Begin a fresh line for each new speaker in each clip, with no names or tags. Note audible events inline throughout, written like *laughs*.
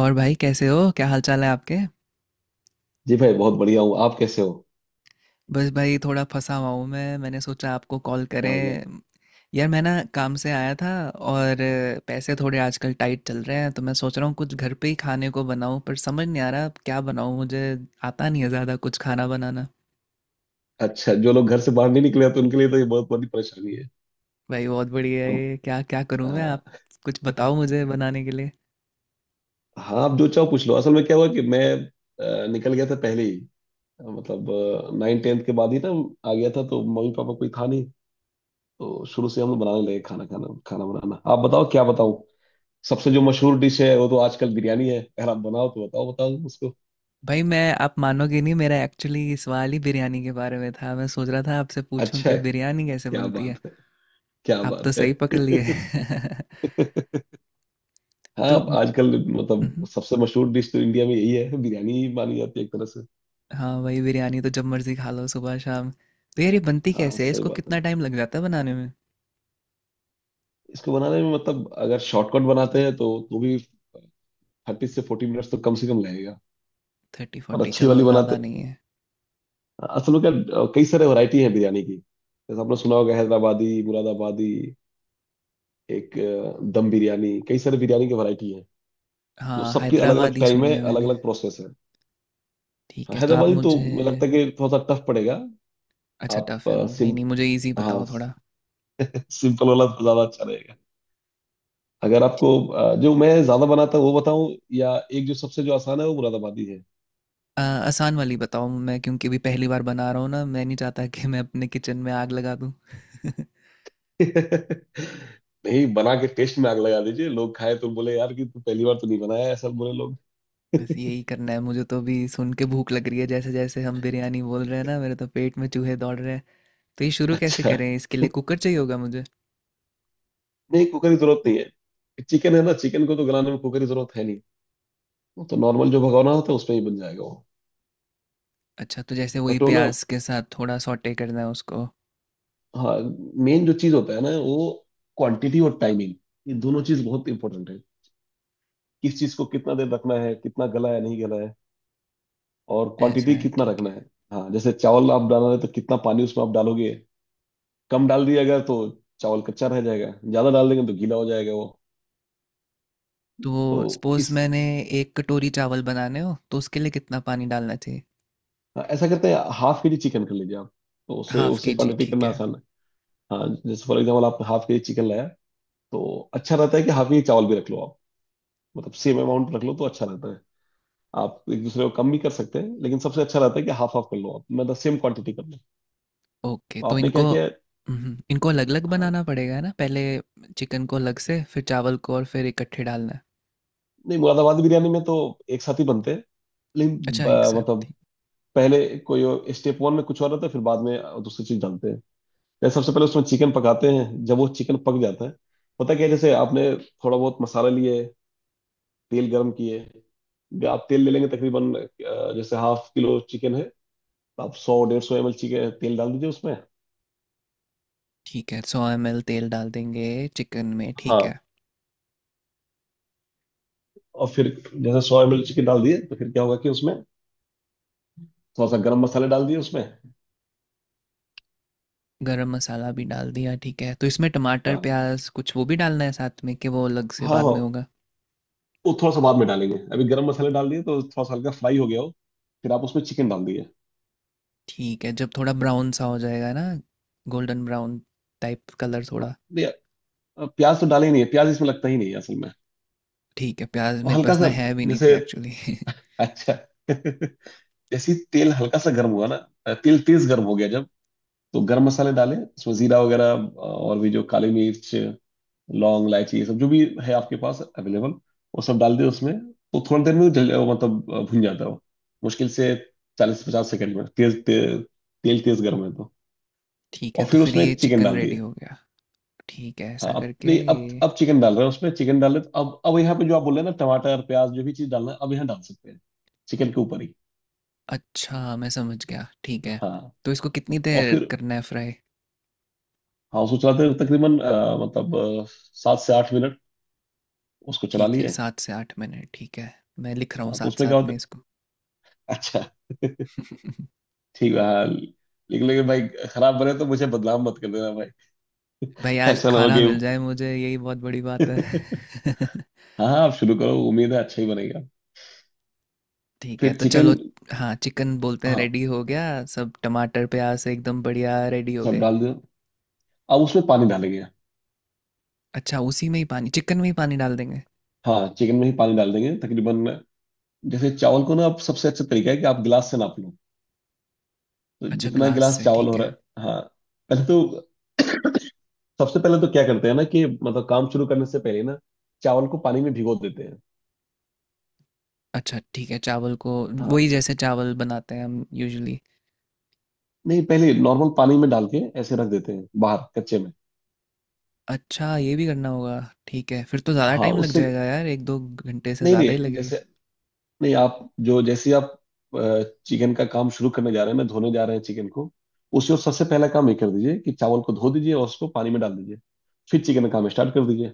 और भाई कैसे हो, क्या हाल चाल है आपके?
जी भाई, बहुत बढ़िया हूँ। आप कैसे हो?
बस भाई थोड़ा फंसा हुआ हूँ। मैंने सोचा आपको कॉल
क्या हो गया?
करें। यार मैं ना काम से आया था, और पैसे थोड़े आजकल टाइट चल रहे हैं। तो मैं सोच रहा हूँ कुछ घर पे ही खाने को बनाऊँ, पर समझ नहीं आ रहा अब क्या बनाऊँ। मुझे आता नहीं है ज़्यादा कुछ खाना बनाना।
अच्छा, जो लोग घर से बाहर नहीं निकले हैं, तो उनके लिए तो ये बहुत बड़ी परेशानी है।
भाई बहुत बढ़िया है
हम।
ये। क्या क्या करूँ मैं? आप
आ,
कुछ बताओ मुझे बनाने के लिए।
हाँ, आप जो चाहो पूछ लो। असल में क्या हुआ कि मैं निकल गया था पहले ही। मतलब 9th के बाद ही ना। आ गया था तो मम्मी पापा कोई था नहीं। तो शुरू से हम लोग बनाने लगे खाना, खाना बनाना। आप बताओ क्या बताऊँ। सबसे जो मशहूर डिश है वो तो आजकल बिरयानी है। अगर आप बनाओ तो बताओ, बताओ उसको।
भाई, मैं आप मानोगे नहीं, मेरा एक्चुअली सवाल ही बिरयानी के बारे में था। मैं सोच रहा था आपसे पूछूं
अच्छा
कि
है।
बिरयानी कैसे
क्या
बनती है।
बात है! क्या
आप तो
बात है!
सही पकड़ लिए। *laughs*
*laughs* हाँ।
तो,
आजकल
उहुँ,
मतलब सबसे मशहूर डिश तो इंडिया में यही है, बिरयानी ही मानी जाती है एक तरह से।
हाँ, वही बिरयानी तो जब मर्ज़ी खा लो सुबह शाम। तो यार ये बनती
हाँ,
कैसे है?
सही
इसको
बात
कितना
है।
टाइम लग जाता है बनाने में?
इसको बनाने में मतलब अगर शॉर्टकट बनाते हैं तो भी 30 से 40 मिनट्स तो कम से कम लगेगा। और
30-40,
अच्छी
चलो
वाली
ज़्यादा
बनाते,
नहीं है।
असल में क्या, कई सारे वैरायटी है बिरयानी की। जैसे आपने सुना होगा, हैदराबादी, मुरादाबादी, एक दम बिरयानी, कई सारे बिरयानी की वैरायटी है। तो
हाँ,
सबकी अलग अलग
हैदराबादी
टाइम
सुनी
है,
है
अलग
मैंने।
अलग प्रोसेस है।
ठीक
हाँ,
है, तो आप
हैदराबादी तो
मुझे।
मुझे लगता है कि थोड़ा सा टफ पड़ेगा।
अच्छा,
आप
टफ़ है वो। नहीं,
सिम,
नहीं, मुझे ईज़ी
हाँ।
बताओ थोड़ा।
*laughs* सिंपल वाला तो ज्यादा अच्छा रहेगा। अगर आपको जो मैं ज्यादा बनाता हूँ वो बताऊं, या एक जो सबसे जो आसान है वो मुरादाबादी है।
आसान वाली बताओ मैं, क्योंकि अभी पहली बार बना रहा हूँ ना, मैं नहीं चाहता कि मैं अपने किचन में आग लगा दूँ। *laughs*
*laughs* नहीं, बना के टेस्ट में आग लगा दीजिए, लोग खाए तो बोले यार कि तू पहली बार तो नहीं बनाया, ऐसा बोले लोग।
बस यही करना है मुझे, तो अभी सुन के भूख लग रही है। जैसे-जैसे हम बिरयानी बोल रहे हैं ना, मेरे तो पेट में चूहे दौड़ रहे हैं। तो ये शुरू कैसे
अच्छा।
करें? इसके लिए कुकर चाहिए होगा मुझे?
नहीं, कुकर की जरूरत नहीं है। चिकन है ना, चिकन को तो गलाने में कुकर की जरूरत है नहीं। वो तो नॉर्मल जो भगोना होता है उसमें ही बन जाएगा वो।
अच्छा, तो जैसे वही
बट वो ना,
प्याज़ के साथ थोड़ा सौटे करना है उसको,
हाँ मेन जो चीज होता है ना वो, क्वांटिटी और टाइमिंग। ये दोनों चीज बहुत इंपॉर्टेंट है। किस चीज को कितना देर रखना है, कितना गला है नहीं गला है, और
ऐसा
क्वांटिटी
है,
कितना
ठीक है।
रखना है। हाँ, जैसे चावल आप डाल रहे हैं तो कितना पानी उसमें आप डालोगे। कम डाल दिया अगर तो चावल कच्चा रह जाएगा, ज्यादा डाल देंगे तो गीला हो जाएगा वो।
तो
तो
सपोज़
इस,
मैंने 1 कटोरी चावल बनाने हो, तो उसके लिए कितना पानी डालना चाहिए?
हाँ, ऐसा करते हैं, हाफ kg चिकन कर लीजिए आप। तो उसे,
हाफ़
उससे
केजी,
क्वांटिटी
ठीक
करना
है,
आसान है। हाँ, जैसे फॉर एग्जाम्पल आपने हाफ kg चिकन लाया, तो अच्छा रहता है कि हाफ kg चावल भी रख लो आप। मतलब सेम अमाउंट रख लो तो अच्छा रहता है। आप एक दूसरे को कम भी कर सकते हैं, लेकिन सबसे अच्छा रहता है कि हाफ हाफ कर लो आप, मतलब सेम क्वांटिटी कर लो।
ओके।
तो
तो
आपने क्या किया।
इनको अलग-अलग
हाँ,
बनाना पड़ेगा, है ना? पहले चिकन को अलग से, फिर चावल को, और फिर इकट्ठे डालना है?
नहीं मुरादाबादी बिरयानी में तो एक साथ ही बनते हैं, लेकिन
अच्छा, एक साथ,
मतलब
ठीक,
पहले कोई स्टेप 1 में कुछ और रहता है, फिर बाद में दूसरी चीज डालते हैं। जैसे सबसे पहले उसमें चिकन पकाते हैं, जब वो चिकन पक जाता है। पता क्या है, जैसे आपने थोड़ा बहुत मसाला लिए, तेल गर्म किए। आप तेल ले लेंगे तकरीबन जैसे हाफ किलो चिकन है, तो आप 100 150 ml चिकन तेल डाल दीजिए उसमें।
ठीक है। 100 ml एमएल तेल डाल देंगे चिकन में, ठीक
हाँ,
है।
और फिर जैसे 100 ml चिकन डाल दिए, तो फिर क्या होगा कि उसमें थोड़ा सा गर्म मसाले डाल दिए उसमें।
गरम मसाला भी डाल दिया, ठीक है। तो इसमें टमाटर,
हाँ,
प्याज़ कुछ वो भी डालना है साथ में, कि वो अलग से
हाँ,
बाद
हाँ।
में होगा?
वो थोड़ा सा बाद में डालेंगे, अभी गर्म मसाले डाल दिए तो थोड़ा सा हल्का फ्राई हो गया हो, फिर आप उसमें चिकन डाल दिए।
ठीक है, जब थोड़ा ब्राउन सा हो जाएगा ना, गोल्डन ब्राउन टाइप कलर
हाँ,
थोड़ा।
नहीं, प्याज तो डाले ही नहीं है, प्याज इसमें लगता ही नहीं है असल में।
ठीक है, प्याज
तो
मेरे
हल्का
पास ना
सा,
है भी नहीं
जैसे,
थे एक्चुअली। *laughs*
अच्छा। *laughs* जैसे ही तेल हल्का सा गर्म हुआ ना, तेल तेज गर्म हो गया जब, तो गर्म मसाले डाले इसमें, जीरा वगैरह, और भी जो काली मिर्च, लौंग, इलायची, ये सब जो भी है आपके पास अवेलेबल, वो सब डाल दिए उसमें। तो थोड़ी देर में वो जल, वो मतलब भुन जाता है वो। मुश्किल से 40 50 सेकंड में तेज, तेल तेज गर्म है तो।
ठीक है,
और
तो
फिर
फिर
उसमें
ये
चिकन
चिकन
डाल
रेडी
दिए।
हो गया। ठीक है,
हाँ,
ऐसा
अब
करके
नहीं, अब
ये।
अब चिकन डाल रहे हैं, उसमें चिकन डाल रहे हैं तो अब यहाँ पे जो आप बोल रहे हैं ना, टमाटर प्याज जो भी चीज डालना है अब यहाँ डाल सकते हैं, चिकन के ऊपर ही।
अच्छा, मैं समझ गया, ठीक है।
हाँ,
तो इसको कितनी
और
देर
फिर,
करना है फ्राई?
हाँ उसको चलाते हुए तकरीबन मतलब 7 से 8 मिनट उसको चला
ठीक है,
लिए।
7 से 8 मिनट, ठीक है। मैं लिख रहा हूँ
हाँ, तो
साथ
उसमें क्या
साथ
होता
में
है।
इसको।
अच्छा,
*laughs*
ठीक है, हाँ। लेकिन लेकिन भाई, खराब बने तो मुझे बदनाम मत कर देना भाई,
भाई, आज
ऐसा ना हो
खाना
कि।
मिल जाए मुझे, यही बहुत बड़ी बात
*laughs*
है। *laughs*
हाँ, हाँ, आप शुरू करो, उम्मीद है अच्छा ही बनेगा।
ठीक है,
फिर
तो चलो।
चिकन,
हाँ, चिकन बोलते हैं
हाँ
रेडी हो गया। सब टमाटर प्याज से एकदम बढ़िया रेडी हो
सब
गए।
डाल दो, अब उसमें पानी डालेंगे।
अच्छा, उसी में ही पानी, चिकन में ही पानी डाल देंगे।
हाँ, चिकन में ही पानी डाल देंगे तकरीबन। जैसे चावल को ना, आप सबसे अच्छा तरीका है कि आप गिलास से नाप लो, तो
अच्छा,
जितना
ग्लास
गिलास
से,
चावल
ठीक
हो रहा
है।
है, हाँ। पहले तो, सबसे पहले तो क्या करते हैं ना कि मतलब काम शुरू करने से पहले ना, चावल को पानी में भिगो देते हैं।
अच्छा, ठीक है, चावल को
हाँ,
वही जैसे चावल बनाते हैं हम यूजुअली।
नहीं पहले नॉर्मल पानी में डाल के ऐसे रख देते हैं बाहर कच्चे में।
अच्छा, ये भी करना होगा। ठीक है, फिर तो ज़्यादा
हाँ,
टाइम लग
उससे,
जाएगा यार, एक दो घंटे से
नहीं
ज़्यादा ही
नहीं,
लगेगा।
जैसे, नहीं आप, जो जैसे आप चिकन का काम शुरू करने जा रहे हैं ना, धोने जा रहे हैं चिकन को, उसी, और सबसे पहला काम ये कर दीजिए कि चावल को धो दीजिए और उसको पानी में डाल दीजिए। फिर चिकन का काम स्टार्ट कर दीजिए।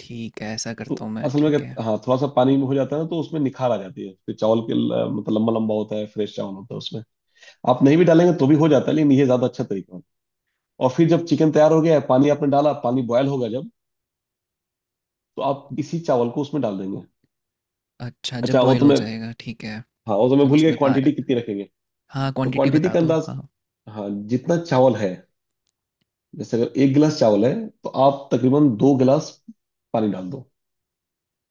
ठीक है, ऐसा
तो
करता हूँ मैं,
असल में
ठीक है।
क्या, हाँ थोड़ा सा पानी में हो जाता है ना तो उसमें निखार आ जाती है। फिर चावल के मतलब लंबा लंबा होता है, फ्रेश चावल होता है उसमें। आप नहीं भी डालेंगे तो भी हो जाता है, लेकिन ये ज्यादा अच्छा तरीका है। और फिर जब चिकन तैयार हो गया है, पानी आपने डाला, पानी बॉयल होगा जब, तो आप इसी चावल को उसमें डाल देंगे।
अच्छा, जब
अच्छा, वो
बॉईल
तो
हो
मैं,
जाएगा, ठीक है।
हाँ वो तो मैं
फिर
भूल गया,
उसमें पा
क्वांटिटी कितनी रखेंगे।
हाँ,
तो
क्वांटिटी
क्वांटिटी
बता
का
दो,
अंदाज,
हाँ।
हाँ जितना चावल है, जैसे अगर एक गिलास चावल है, तो आप तकरीबन 2 गिलास पानी डाल दो।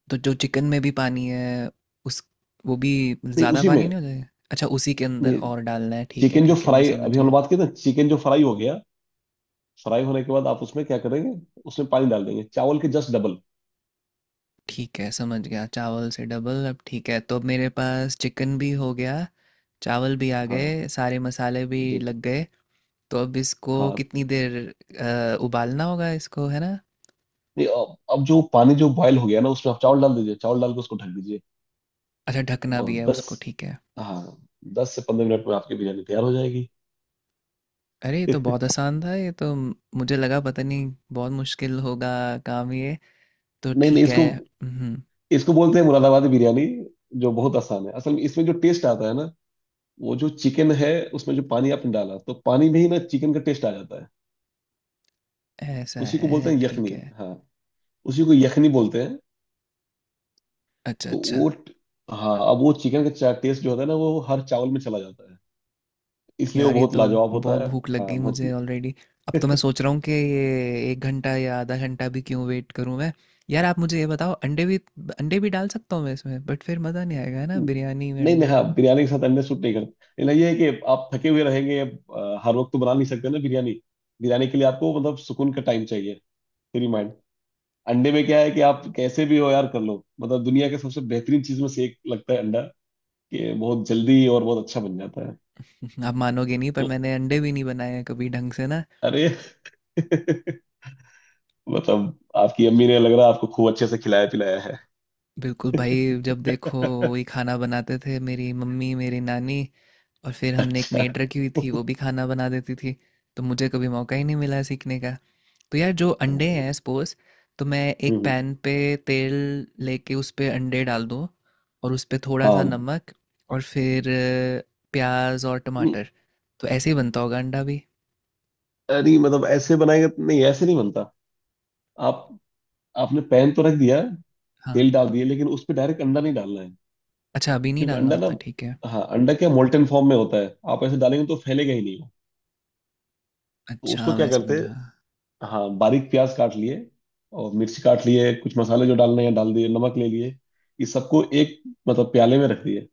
तो जो चिकन में भी पानी है, उस वो भी
नहीं
ज़्यादा
उसी में,
पानी नहीं हो जाएगा? अच्छा, उसी के अंदर
नहीं,
और डालना है, ठीक है,
चिकन जो
ठीक है, मैं
फ्राई
समझ
अभी हम लोग
गया।
बात की ना, चिकन जो फ्राई हो गया, फ्राई होने के बाद आप उसमें क्या करेंगे, उसमें पानी डाल देंगे चावल के जस्ट डबल।
ठीक है, समझ गया, चावल से डबल, अब ठीक है। तो अब मेरे पास चिकन भी हो गया, चावल भी आ
हाँ,
गए, सारे मसाले भी
जी जी।
लग गए। तो अब इसको
हाँ,
कितनी देर उबालना होगा इसको, है ना?
नहीं अब जो पानी जो बॉयल हो गया ना, उसमें आप चावल डाल दीजिए। चावल डाल के उसको ढक दीजिए।
अच्छा, ढकना
और
भी है
10,
उसको, ठीक है।
हाँ 10 से 15 मिनट में आपकी बिरयानी तैयार हो जाएगी।
अरे, ये तो
*laughs*
बहुत आसान था, ये तो मुझे लगा पता नहीं बहुत मुश्किल होगा काम ये। तो
नहीं नहीं,
ठीक है।
इसको
हम्म।
इसको बोलते हैं मुरादाबादी बिरयानी, जो बहुत आसान है असल में। इसमें जो टेस्ट आता है ना, वो जो चिकन है, उसमें जो पानी आपने डाला तो पानी में ही ना चिकन का टेस्ट आ जाता है।
ऐसा
उसी को बोलते
है,
हैं
ठीक
यखनी,
है।
हाँ, उसी को यखनी बोलते हैं।
अच्छा,
तो
अच्छा।
वो, हाँ अब वो चिकन का टेस्ट जो होता है ना, वो हर चावल में चला जाता है, इसलिए वो
यार, ये
बहुत
तो
लाजवाब होता
बहुत
है।
भूख लग गई
हाँ, बहुत।
मुझे ऑलरेडी। अब तो मैं सोच रहा हूँ कि ये एक घंटा या आधा घंटा भी क्यों वेट करूँ मैं। यार, आप मुझे ये बताओ, अंडे भी डाल सकता हूँ मैं इसमें? बट फिर मज़ा नहीं आएगा ना, बिरयानी में
नहीं मैं,
अंडे।
हाँ बिरयानी के साथ अंडे सूट नहीं करता, लेकिन ये है कि आप थके हुए रहेंगे, हर वक्त तो बना नहीं सकते ना बिरयानी। बिरयानी के लिए आपको मतलब सुकून का टाइम चाहिए, फ्री माइंड। अंडे में क्या है कि आप कैसे भी हो यार, कर लो। मतलब दुनिया के सबसे बेहतरीन चीज में से एक लगता है अंडा, कि बहुत जल्दी और बहुत अच्छा बन जाता है।
*laughs* आप मानोगे नहीं, पर
ओ,
मैंने अंडे भी नहीं बनाए हैं कभी ढंग से ना।
अरे। *laughs* मतलब आपकी अम्मी ने लग रहा है आपको खूब अच्छे से खिलाया पिलाया
बिल्कुल भाई, जब देखो
है। *laughs*
वही खाना बनाते थे मेरी मम्मी, मेरी नानी। और फिर हमने एक
अच्छा,
मेड रखी हुई थी, वो भी खाना बना देती थी। तो मुझे कभी मौका ही नहीं मिला सीखने का। तो यार, जो अंडे हैं, सपोज तो मैं एक
हम्म,
पैन पे तेल लेके उस पे अंडे डाल दूँ, और उस पे थोड़ा सा
हाँ,
नमक, और फिर प्याज और
नहीं
टमाटर, तो ऐसे ही बनता होगा अंडा भी।
नहीं मतलब ऐसे बनाएगा नहीं ऐसे नहीं बनता। आप आपने पैन तो रख दिया,
हाँ।
तेल डाल दिया, लेकिन उस पे डायरेक्ट अंडा नहीं डालना है।
अच्छा, अभी नहीं
क्योंकि
डालना
अंडा
होता,
ना,
ठीक है।
हाँ अंडा क्या, मोल्टन फॉर्म में होता है, आप ऐसे डालेंगे तो फैलेगा ही नहीं वो। तो उसको
अच्छा,
क्या
मैं
करते
समझा।
हैं? हाँ, बारीक प्याज काट लिए और मिर्ची काट लिए, कुछ मसाले जो डालने हैं डाल दिए, नमक ले लिए, ये सबको एक, मतलब प्याले में रख दिए।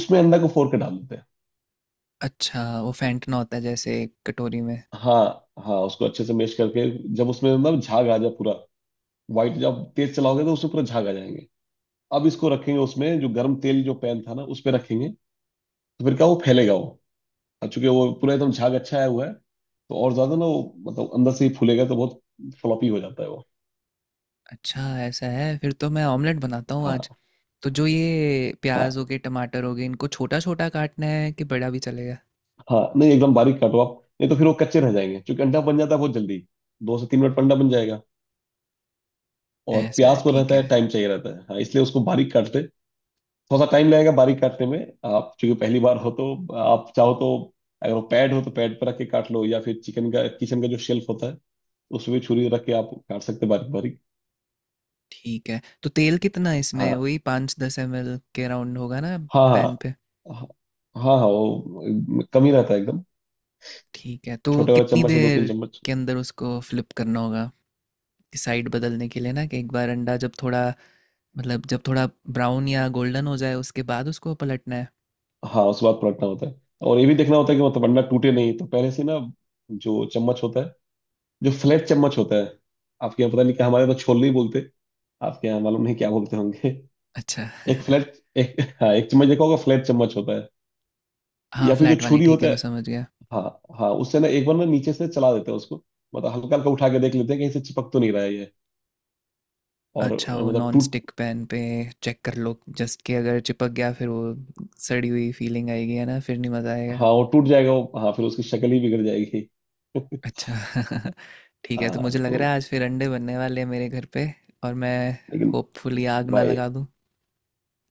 उसमें अंडा को फोड़ के डाल देते हैं।
अच्छा, वो फेंटना होता है जैसे एक कटोरी में।
हाँ, हाँ उसको अच्छे से मैश करके, जब उसमें मतलब झाग आ जाए पूरा, व्हाइट, जब आप तेज चलाओगे तो उससे पूरा झाग आ जाएंगे। अब इसको रखेंगे, उसमें जो गर्म तेल जो पैन था ना उस पे रखेंगे, तो फिर क्या वो फैलेगा वो। और चूंकि वो पूरा एकदम झाग अच्छा आया हुआ है, तो और ज्यादा ना वो, मतलब अंदर से ही फूलेगा तो बहुत फ्लॉपी हो जाता है वो।
अच्छा, ऐसा है, फिर तो मैं ऑमलेट बनाता हूँ आज।
हाँ,
तो जो ये
हाँ,
प्याज हो गए, टमाटर हो गए, इनको छोटा छोटा काटना है, कि बड़ा भी चलेगा?
हाँ, नहीं एकदम बारीक काटो आप। नहीं तो फिर वो कच्चे रह जाएंगे, क्योंकि अंडा बन जाता है बहुत जल्दी, 2 से 3 मिनट में अंडा बन जाएगा। और
ऐसा है,
प्याज को
ठीक
रहता है,
है,
टाइम चाहिए रहता है, हाँ इसलिए उसको बारीक काटते। थोड़ा सा टाइम लगेगा बारीक काटने में, आप चूंकि पहली बार हो तो। आप चाहो तो, अगर वो पैड हो तो पैड पर रख के काट लो, या फिर चिकन का, किचन का जो शेल्फ होता है, उसमें भी छुरी रख के आप काट सकते हैं बारीक बारीक।
ठीक है। तो तेल कितना है इसमें,
हाँ,
वही 5-10 ml के राउंड होगा ना?
हाँ, हाँ,
पैन पे,
हाँ, हाँ, हाँ, वो कम ही रहता है एकदम।
ठीक है। तो
छोटे वाले
कितनी
चम्मच से दो तीन
देर
चम्मच
के अंदर उसको फ्लिप करना होगा, कि साइड बदलने के लिए ना, कि एक बार अंडा जब थोड़ा, मतलब जब थोड़ा ब्राउन या गोल्डन हो जाए, उसके बाद उसको पलटना है।
हाँ उसके बाद पलटना होता है। और ये भी देखना होता है कि मतलब अंडा टूटे नहीं, तो पहले से ना जो चम्मच होता है, जो फ्लैट चम्मच होता है। आपके यहाँ पता नहीं क्या, हमारे यहाँ तो छोल नहीं बोलते। आपके यहाँ मालूम नहीं क्या बोलते होंगे।
अच्छा।
एक
*laughs*
फ्लैट, एक, हाँ एक चम्मच देखा होगा, फ्लैट चम्मच होता है।
हाँ,
या फिर जो
फ्लैट वाली,
छुरी
ठीक
होता
है,
है।
मैं समझ गया।
हाँ। हाँ उससे ना एक बार ना नीचे से चला देते हैं उसको। मतलब हल्का हल्का उठा के देख लेते हैं कहीं से चिपक तो नहीं रहा है ये। और
अच्छा, वो
मतलब
नॉन
टूट।
स्टिक पैन पे चेक कर लो, जस्ट कि अगर चिपक गया फिर वो सड़ी हुई फीलिंग आएगी, है ना, फिर नहीं मज़ा आएगा।
हाँ वो टूट जाएगा वो, हाँ फिर उसकी शक्ल ही बिगड़ जाएगी। *laughs*
अच्छा। *laughs* ठीक है, तो मुझे
हाँ
लग रहा
तो।
है आज फिर अंडे बनने वाले हैं मेरे घर पे। और मैं
लेकिन
होपफुली आग ना
भाई,
लगा दूं।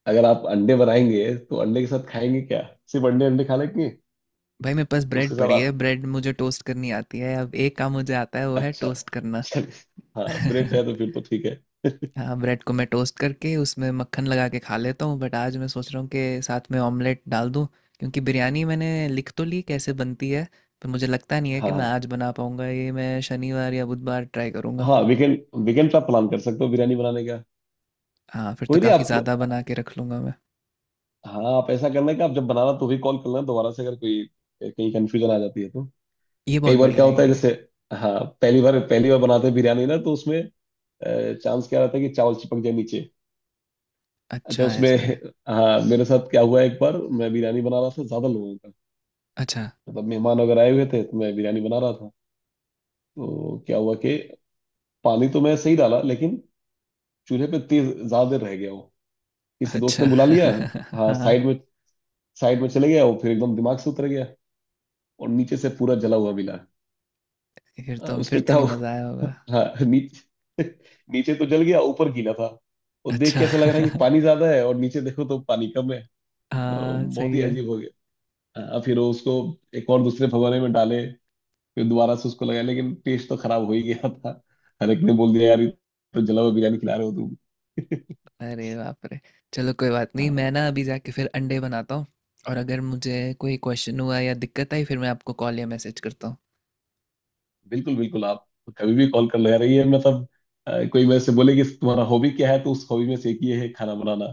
अगर आप अंडे बनाएंगे तो अंडे के साथ खाएंगे क्या? सिर्फ अंडे अंडे खा लेंगे?
भाई, मेरे पास ब्रेड
उसके साथ
पड़ी है,
आप।
ब्रेड मुझे टोस्ट करनी आती है। अब एक काम मुझे आता है, वो है
अच्छा,
टोस्ट करना।
चलिए।
*laughs*
हाँ ब्रेड है तो फिर तो ठीक है।
हाँ, ब्रेड को मैं टोस्ट करके उसमें मक्खन लगा के खा लेता हूँ, बट आज मैं सोच रहा हूँ कि साथ में ऑमलेट डाल दूँ। क्योंकि बिरयानी मैंने लिख तो ली कैसे बनती है, पर मुझे लगता नहीं है
हाँ
कि मैं
हाँ।
आज बना पाऊँगा ये। मैं शनिवार या बुधवार ट्राई करूँगा।
हाँ, वीकेंड वीकेंड पे आप प्लान कर सकते हो बिरयानी बनाने का।
हाँ, फिर तो
कोई नहीं।
काफ़ी
आप,
ज़्यादा बना के रख लूँगा मैं।
हाँ आप ऐसा करना कि आप जब बनाना तो भी कॉल करना दोबारा से, अगर कोई कहीं कंफ्यूजन आ जाती है तो।
ये
कई
बहुत
बार
बढ़िया
क्या होता है,
आइडिया
जैसे
है।
हाँ पहली बार बनाते हैं बिरयानी ना तो उसमें चांस क्या रहता है कि चावल चिपक जाए नीचे। अच्छा
अच्छा,
उसमें।
ऐसा है।
हाँ मेरे साथ क्या हुआ, एक बार मैं बिरयानी बना रहा था ज्यादा लोगों का।
अच्छा,
मतलब मेहमान वगैरह आए हुए थे तो मैं बिरयानी बना रहा था। तो क्या हुआ कि पानी तो मैं सही डाला, लेकिन चूल्हे पे तेज ज्यादा देर रह गया वो, किसी दोस्त
अच्छा।
ने बुला लिया।
*laughs*
हाँ
हाँ।
साइड में, साइड में चले गया वो, फिर एकदम दिमाग से उतर गया और नीचे से पूरा जला हुआ मिला।
फिर तो फिर
उसमें
तो
क्या
नहीं
हुआ?
मज़ा आया होगा।
हाँ नीचे, नीचे तो जल गया, ऊपर गीला था। और देख
अच्छा।
के ऐसा लग रहा है कि
*laughs*
पानी ज्यादा है और नीचे देखो तो पानी कम है। तो
हाँ,
बहुत
सही
ही
है।
अजीब हो गया। हाँ, फिर वो उसको एक और दूसरे भगोने में डाले, फिर दोबारा से उसको लगाया, लेकिन टेस्ट तो खराब हो ही गया था। हर एक ने बोल दिया, यार ये तो जला हुआ बिरयानी खिला रहे हो तुम।
अरे बाप रे। चलो कोई बात नहीं, मैं
हाँ
ना अभी जाके फिर अंडे बनाता हूँ। और अगर मुझे कोई क्वेश्चन हुआ या दिक्कत आई, फिर मैं आपको कॉल या मैसेज करता हूँ।
बिल्कुल बिल्कुल। आप कभी भी कॉल कर, लगा रही है मतलब। कोई मेरे से बोले कि तुम्हारा हॉबी क्या है, तो उस हॉबी में से एक ये है खाना बनाना,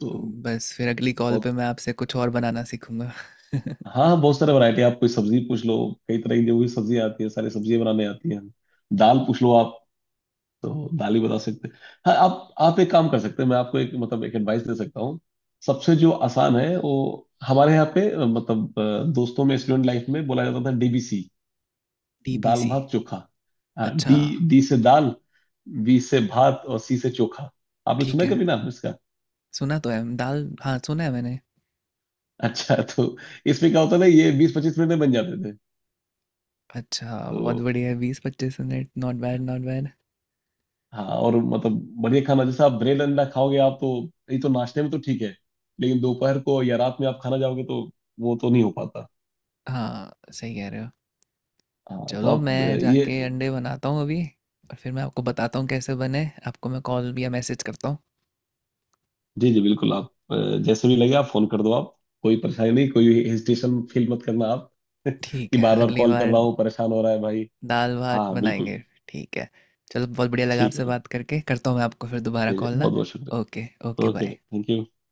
तो
बस फिर अगली कॉल
बहुत।
पे मैं आपसे कुछ और बनाना सीखूंगा। *laughs*
हाँ बहुत सारे वैरायटी। आप कोई सब्जी पूछ लो, कई तरह की जो भी सब्जी आती है सारी सब्जियां बनाने आती हैं। दाल पूछ लो आप तो दाल ही बता सकते हैं। हाँ आप एक काम कर सकते हैं। मैं आपको एक, मतलब एक एडवाइस दे सकता हूँ। सबसे जो आसान है वो हमारे यहाँ पे, मतलब दोस्तों में स्टूडेंट लाइफ में बोला जाता था, डीबीसी। दाल
डीबीसी।
भात चोखा। हाँ
अच्छा।
डी, डी से दाल, बी से भात और सी से चोखा। आपने सुना
ठीक
है
है,
कभी नाम इसका?
सुना तो है दाल, हाँ, सुना है मैंने।
*laughs* अच्छा तो इसमें क्या होता था, ये 20-25 मिनट में बन जाते थे।
अच्छा, बहुत
तो
बढ़िया है, 20-25 minute, not bad, not bad.
हाँ, और मतलब बढ़िया खाना। जैसे आप ब्रेड अंडा खाओगे आप, तो ये तो नाश्ते में तो ठीक है, लेकिन दोपहर को या रात में आप खाना जाओगे तो वो तो नहीं हो पाता।
हाँ, सही कह रहे हो।
हाँ तो
चलो,
आप
मैं
ये।
जाके अंडे बनाता हूँ अभी। और फिर मैं आपको बताता हूँ कैसे बने, आपको मैं कॉल या मैसेज करता हूँ।
जी जी बिल्कुल। आप अ, जैसे भी लगे आप फोन कर दो आप। कोई परेशानी नहीं, कोई हेजिटेशन फील मत करना आप। *laughs*
ठीक
कि
है,
बार बार
अगली
कॉल कर
बार
रहा हूँ परेशान हो रहा है भाई।
दाल भात
हाँ
बनाएंगे।
बिल्कुल।
ठीक है, चलो, बहुत बढ़िया लगा
ठीक है
आपसे
भाई।
बात करके। करता हूँ मैं आपको फिर दोबारा
जी जी
कॉल ना।
बहुत बहुत शुक्रिया।
ओके, ओके,
ओके भाई।
बाय।
Thank you